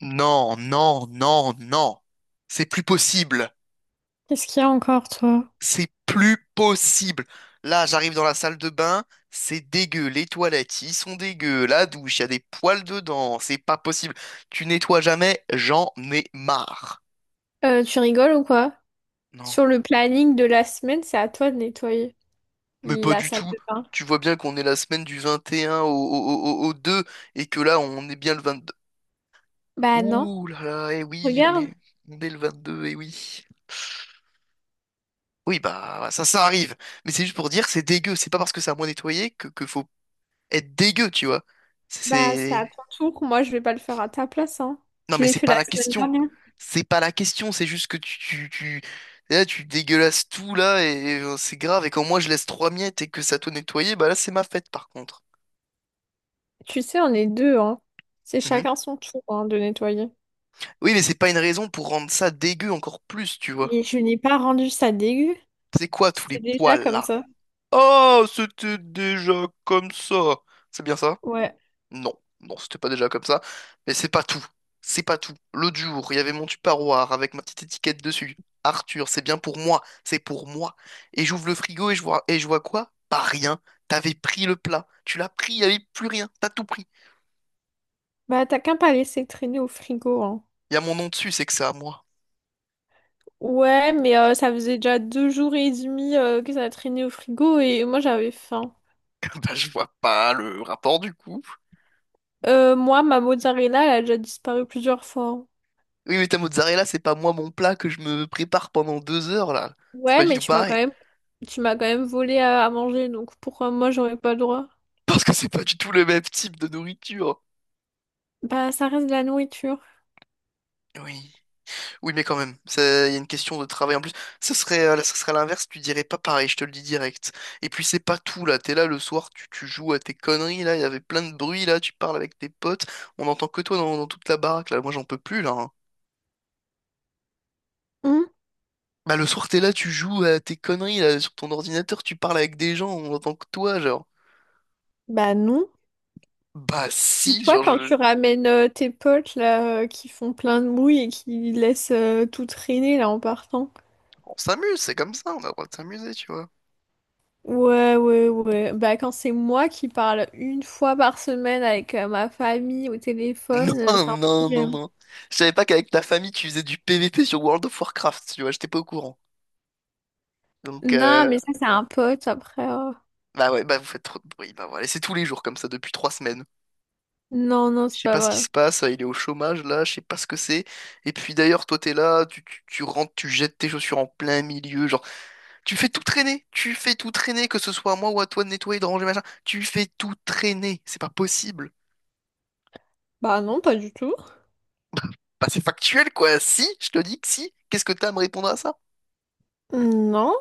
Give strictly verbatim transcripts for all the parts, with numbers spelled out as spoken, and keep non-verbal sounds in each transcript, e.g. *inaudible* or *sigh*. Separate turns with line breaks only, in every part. Non, non, non, non. C'est plus possible.
Qu'est-ce qu'il y a encore, toi?
C'est plus possible. Là, j'arrive dans la salle de bain, c'est dégueu. Les toilettes, ils sont dégueux. La douche, il y a des poils dedans. C'est pas possible. Tu nettoies jamais, j'en ai marre.
Euh, tu rigoles ou quoi?
Non,
Sur le planning de la semaine, c'est à toi de nettoyer
mais pas
la
du
salle
tout.
de bain.
Tu vois bien qu'on est la semaine du vingt et un au, au, au- au deux et que là, on est bien le vingt-deux.
Bah non,
Ouh là là, eh oui, on
regarde.
est, on est le vingt-deux, eh oui. Oui, bah ça, ça arrive. Mais c'est juste pour dire que c'est dégueu. C'est pas parce que c'est à moi nettoyer que, que faut être dégueu, tu vois.
Bah c'est à
C'est...
ton tour. Moi, je vais pas le faire à ta place, hein.
Non,
Je
mais
l'ai
c'est
fait
pas
la
la
semaine
question.
dernière.
C'est pas la question, c'est juste que tu, tu, tu- là, tu dégueulasses tout, là, et, euh, c'est grave. Et quand moi, je laisse trois miettes et que ça te nettoyer, bah là, c'est ma fête, par contre.
Tu sais, on est deux, hein. C'est
Mhm.
chacun son tour, hein, de nettoyer.
Oui, mais c'est pas une raison pour rendre ça dégueu encore plus, tu vois.
Mais je n'ai pas rendu ça dégueu.
C'est quoi tous les
C'était déjà
poils,
comme
là?
ça.
Oh, c'était déjà comme ça. C'est bien ça?
Ouais.
Non, non, c'était pas déjà comme ça. Mais c'est pas tout. C'est pas tout. L'autre jour, il y avait mon tupperware avec ma petite étiquette dessus. Arthur, c'est bien pour moi. C'est pour moi. Et j'ouvre le frigo et je vois, et je vois quoi? Pas rien. T'avais pris le plat. Tu l'as pris, il n'y avait plus rien. T'as tout pris.
Bah t'as qu'à pas laissé traîner au frigo, hein.
Il y a mon nom dessus, c'est que c'est à moi.
Ouais, mais euh, ça faisait déjà deux jours et demi euh, que ça traînait au frigo et moi j'avais faim.
*laughs* Bah, je vois pas le rapport du coup.
Euh, moi, ma mozzarella, elle a déjà disparu plusieurs fois.
Oui, mais ta mozzarella, c'est pas moi mon plat que je me prépare pendant deux heures là. C'est
Ouais,
pas du
mais
tout
tu m'as quand
pareil.
même, tu m'as quand même volé à, à manger, donc pourquoi moi j'aurais pas le droit?
Parce que c'est pas du tout le même type de nourriture.
Bah, ça reste de la nourriture.
Oui. Oui, mais quand même, ça- il y a une question de travail en plus. Ça serait, euh, ça serait à l'inverse, tu dirais pas pareil, je te le dis direct. Et puis c'est pas tout là, t'es là le soir, tu, tu joues à tes conneries là, il y avait plein de bruit là, tu parles avec tes potes, on entend que toi dans, dans toute la baraque là, moi j'en peux plus là, hein.
Hum.
Bah le soir t'es là, tu joues à tes conneries là, sur ton ordinateur, tu parles avec des gens, on entend que toi genre.
Bah non.
Bah
Et
si,
toi,
genre
quand
je...
tu ramènes euh, tes potes là, euh, qui font plein de bruit et qui laissent euh, tout traîner là en partant?
on s'amuse, c'est comme ça, on a le droit de s'amuser, tu vois. *laughs*
Ouais, ouais, ouais. Bah, quand c'est moi qui parle une fois par semaine avec euh, ma famille au
Non,
téléphone, euh, c'est un
non, non,
problème.
non. Je savais pas qu'avec ta famille tu faisais du P V P sur World of Warcraft, tu vois, j'étais pas au courant. Donc,
Non,
euh,
mais ça, c'est un pote après. euh.
Bah ouais, bah vous faites trop de bruit. Bah voilà, et c'est tous les jours comme ça depuis trois semaines.
Non, non,
Je
c'est
sais
pas
pas ce qui
vrai.
se passe, euh, il est au chômage là, je sais pas ce que c'est. Et puis d'ailleurs, toi t'es là, tu, tu, tu rentres, tu jettes tes chaussures en plein milieu, genre tu fais tout traîner, tu fais tout traîner, que ce soit à moi ou à toi de nettoyer, de ranger, machin, tu fais tout traîner, c'est pas possible.
Bah non, pas du tout.
Bah c'est factuel quoi, si, je te dis que si, qu'est-ce que t'as à me répondre à ça?
Non,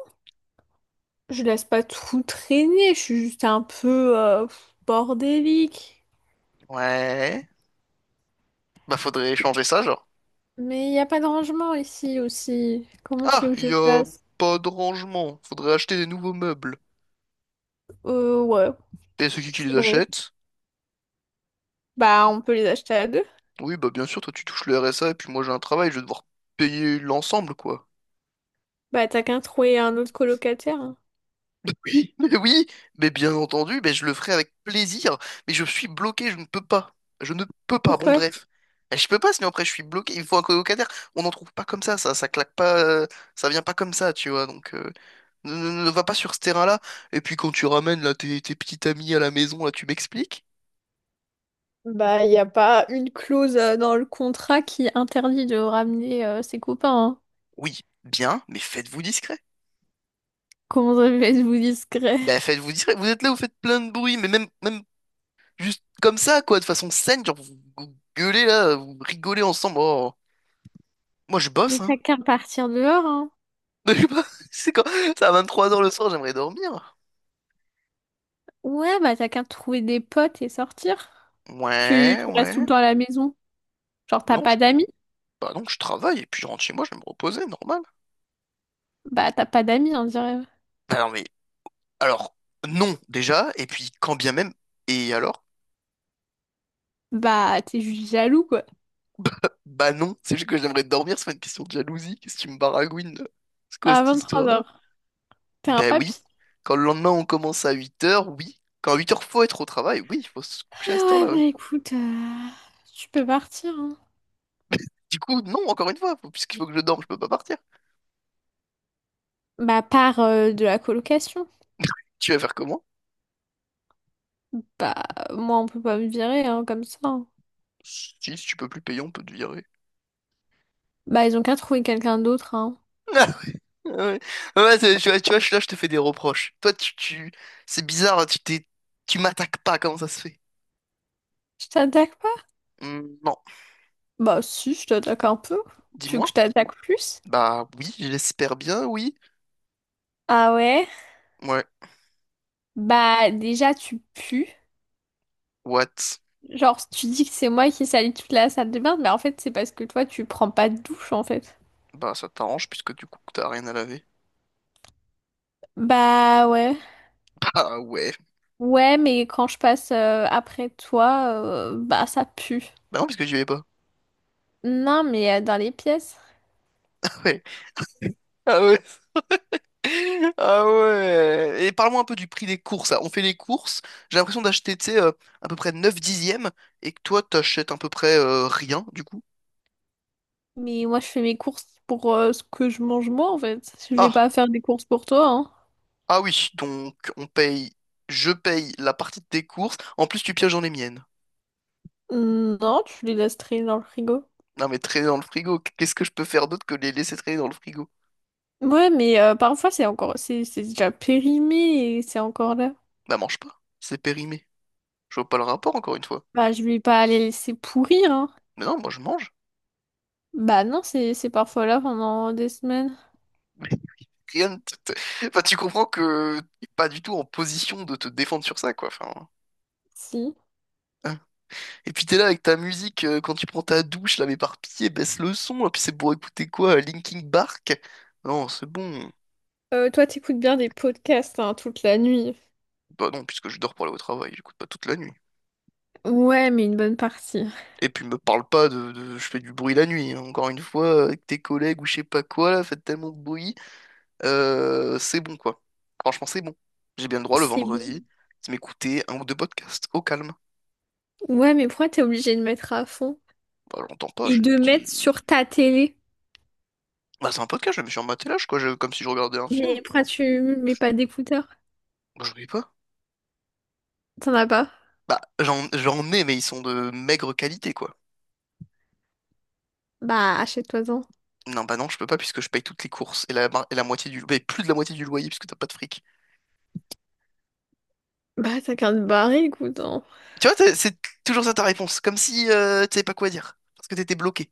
je laisse pas tout traîner, je suis juste un peu euh, bordélique.
Ouais, bah faudrait changer ça, genre.
Mais il n'y a pas de rangement ici aussi. Comment tu
Ah,
veux que je
y a
fasse?
pas de rangement, faudrait acheter des nouveaux meubles.
Euh, ouais,
Et c'est qui qui les
faudrait.
achète?
Bah, on peut les acheter à deux.
Oui, bah bien sûr, toi tu touches le R S A et puis moi j'ai un travail, je vais devoir payer l'ensemble, quoi.
Bah, t'as qu'à trouver un autre colocataire, hein.
Mais *laughs* oui. Mais oui, mais bien entendu, mais je le ferai avec plaisir, mais je suis bloqué, je ne peux pas. Je ne peux pas, bon
Pourquoi?
bref. Je peux pas, sinon après je suis bloqué, il me faut un colocataire. On n'en trouve pas comme ça, ça, ça claque pas, euh, ça vient pas comme ça, tu vois, donc euh, ne, ne- ne va pas sur ce terrain-là. Et puis quand tu ramènes là tes, tes petites amies à la maison, là tu m'expliques?
Bah, il n'y a pas une clause euh, dans le contrat qui interdit de ramener euh, ses copains, hein.
Oui, bien, mais faites-vous discret.
Comment ça fait vous discret?
Ben faites-vous discret, vous êtes là, vous faites plein de bruit, mais même, même juste comme ça, quoi, de façon saine, genre vous, vous gueulez là, vous rigolez ensemble. Oh, moi je bosse,
Mais
hein.
t'as qu'à partir dehors, hein.
*laughs* Je sais pas, c'est quand... C'est à vingt-trois heures le soir, j'aimerais dormir.
Ouais, bah t'as qu'à trouver des potes et sortir. Tu,
Ouais,
tu restes tout
ouais.
le temps à la maison. Genre,
Bah
t'as
non, je...
pas d'amis?
bah non, je travaille, et puis je rentre chez moi, je vais me reposer, normal.
Bah, t'as pas d'amis, on dirait.
Bah non, mais alors, non, déjà, et puis quand bien même, et alors?
Bah, t'es juste jaloux, quoi.
Bah non, c'est juste que j'aimerais dormir, c'est pas une question de jalousie, qu'est-ce que tu me baragouines là? C'est quoi
À
cette histoire-là?
vingt-trois heures, t'es un
Bah oui,
papy.
quand le lendemain on commence à huit heures oui. Quand à huit heures faut être au travail, oui, il faut se
Ah
coucher à cette
ouais,
heure-là,
bah
ouais.
écoute, euh, tu peux partir, hein.
Du coup, non, encore une fois, faut- puisqu'il faut que je dorme, je peux pas partir.
Bah, part euh, de la colocation.
Tu vas faire comment?
Bah, moi, on peut pas me virer, hein, comme ça, hein.
Si, si tu peux plus payer, on peut te virer.
Bah, ils ont qu'à trouver quelqu'un d'autre, hein.
*laughs* Ah ouais, ouais, c'est- tu vois, tu vois, je- là, je te fais des reproches. Toi, tu, tu... c'est bizarre, tu t'es, tu m'attaques pas, comment ça se fait?
Je t'attaque pas?
Hmm, non,
Bah, si, je t'attaque un peu. Tu veux que je
dis-moi.
t'attaque plus?
Bah oui, j'espère bien, oui.
Ah ouais?
Ouais,
Bah, déjà, tu pues.
what?
Genre, tu dis que c'est moi qui salis toute la salle de bain, mais en fait, c'est parce que toi, tu prends pas de douche, en fait.
Bah ça t'arrange, puisque du coup, t'as rien à laver.
Bah ouais.
*laughs* Ah ouais.
Ouais, mais quand je passe euh, après toi, euh, bah ça pue.
Bah non, puisque j'y vais pas.
Non, mais euh, dans les pièces.
*laughs* Ouais. Ah ouais. Ah ouais. Et parle-moi un peu du prix des courses. On fait les courses. J'ai l'impression d'acheter, tu sais, euh, à peu près neuf dixièmes et que toi, t'achètes à peu près euh, rien, du coup.
Mais moi, je fais mes courses pour euh, ce que je mange moi, en fait. Je vais pas
Ah,
faire des courses pour toi, hein.
ah oui. Donc, on paye, je paye la partie de tes courses. En plus, tu pièges dans les miennes.
Non, tu les laisses traîner dans le frigo.
Non, mais traîner dans le frigo. Qu'est-ce que je peux faire d'autre que les laisser traîner dans le frigo?
Ouais, mais euh, parfois, c'est encore... C'est c'est déjà périmé et c'est encore là.
Bah, mange pas. C'est périmé. Je vois pas le rapport, encore une fois.
Bah, je vais pas les laisser pourrir, hein.
Mais non, moi, je mange.
Bah non, c'est c'est parfois là pendant des semaines.
*laughs* Mais rien ne te- te- enfin, tu comprends que t'es pas du tout en position de te défendre sur ça, quoi. Enfin.
Si.
Et puis t'es là avec ta musique euh, quand tu prends ta douche, là, mais par pitié, baisse le son. Et puis c'est pour écouter quoi? euh, Linkin Park? Non, c'est bon.
Euh, toi, t'écoutes bien des podcasts hein, toute la nuit.
Bah non, puisque je dors pour aller au travail, j'écoute pas toute la nuit.
Ouais, mais une bonne partie.
Et puis me parle pas de, de- je fais du bruit la nuit, hein. Encore une fois, avec tes collègues ou je sais pas quoi, là, faites tellement de bruit. Euh, c'est bon, quoi. Franchement, c'est bon. J'ai bien le droit le
C'est bon.
vendredi de m'écouter un ou deux podcasts au calme.
Ouais, mais pourquoi t'es obligé de mettre à fond?
Bah j'entends pas,
Et
j'ai des
de mettre
petits.
sur ta télé.
Bah c'est un podcast, je me suis en matelas, quoi, je- comme si je regardais un film.
Mais pourquoi tu mets pas d'écouteurs?
Bah j'oublie pas.
T'en as pas?
Bah, j'en, j'en ai, mais ils sont de maigre qualité, quoi.
Bah, achète-toi-en.
Non, bah non, je peux pas puisque je paye toutes les courses et la, et la moitié du, mais plus de la moitié du loyer puisque t'as pas de fric.
Bah, t'as qu'à te barrer, écoute, hein.
Tu vois, t'as- c'est toujours ça ta réponse, comme si euh, tu savais pas quoi dire, parce que t'étais bloqué.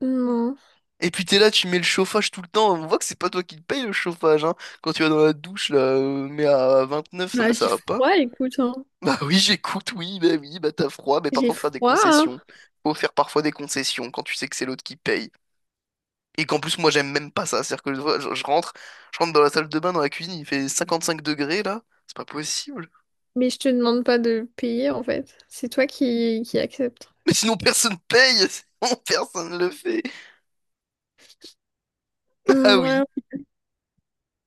Non.
Et puis t'es là, tu mets le chauffage tout le temps, on voit que c'est pas toi qui le paye le chauffage, hein. Quand tu vas dans la douche, là, euh, mais à vingt-neuf, non mais
Bah,
ça
j'ai
va pas.
froid, écoute, hein.
*laughs* Bah oui, j'écoute, oui, bah oui, bah t'as froid, mais
J'ai
parfois faut faire des
froid, hein.
concessions. Faut faire parfois des concessions quand tu sais que c'est l'autre qui paye. Et qu'en plus, moi, j'aime même pas ça. C'est-à-dire que des fois, je, je rentre, je rentre dans la salle de bain, dans la cuisine, il fait cinquante-cinq degrés, là. C'est pas possible.
Mais je te demande pas de payer, en fait. C'est toi qui, qui acceptes.
*laughs* Mais sinon, personne paye. *laughs* Sinon, personne le fait. Ah
Hmm,
oui.
ouais.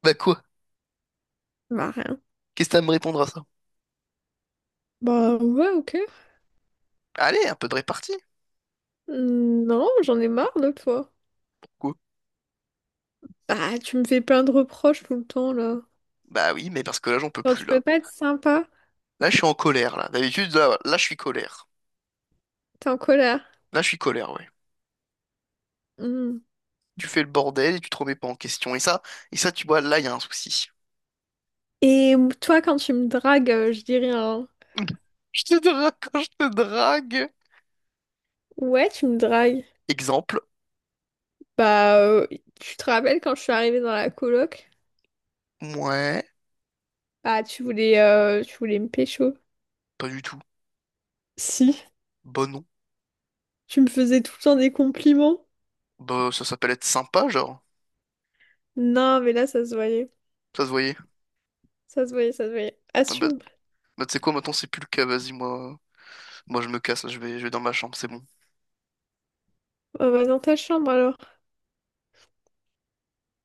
Bah quoi?
Bah, rien.
Qu'est-ce que t'as à me répondre à ça?
Bah, ouais, ok.
Allez, un peu de répartie.
Hmm. Non, j'en ai marre de toi.
Quoi?
Bah, tu me fais plein de reproches tout le temps, là.
Bah oui, mais parce que là, j'en peux
Genre,
plus,
tu peux
là.
pas être sympa,
Là, je suis en colère, là. D'habitude, là, là, je suis colère.
t'es en colère.
Là, je suis colère, ouais.
Hmm.
Tu fais le bordel et tu te remets pas en question. Et ça, et ça, tu vois, là, il y a un souci.
Et toi, quand tu me dragues, euh, je dirais un...
*laughs* Je te drague quand je te drague.
Ouais, tu me dragues.
Exemple.
Bah, euh, tu te rappelles quand je suis arrivée dans la coloc?
Ouais,
Bah, tu voulais, euh, tu voulais me pécho.
pas du tout.
Si,
Bon, non.
tu me faisais tout le temps des compliments.
Bah, ça s'appelle être sympa, genre.
Non, mais là, ça se voyait.
Ça se voyait.
Ça se voyait, ça se voyait.
Ah bah,
Assume.
bah tu sais quoi, maintenant c'est plus le cas, vas-y, moi, moi je me casse, je vais, je vais dans ma chambre, c'est bon.
On va dans ta chambre, alors.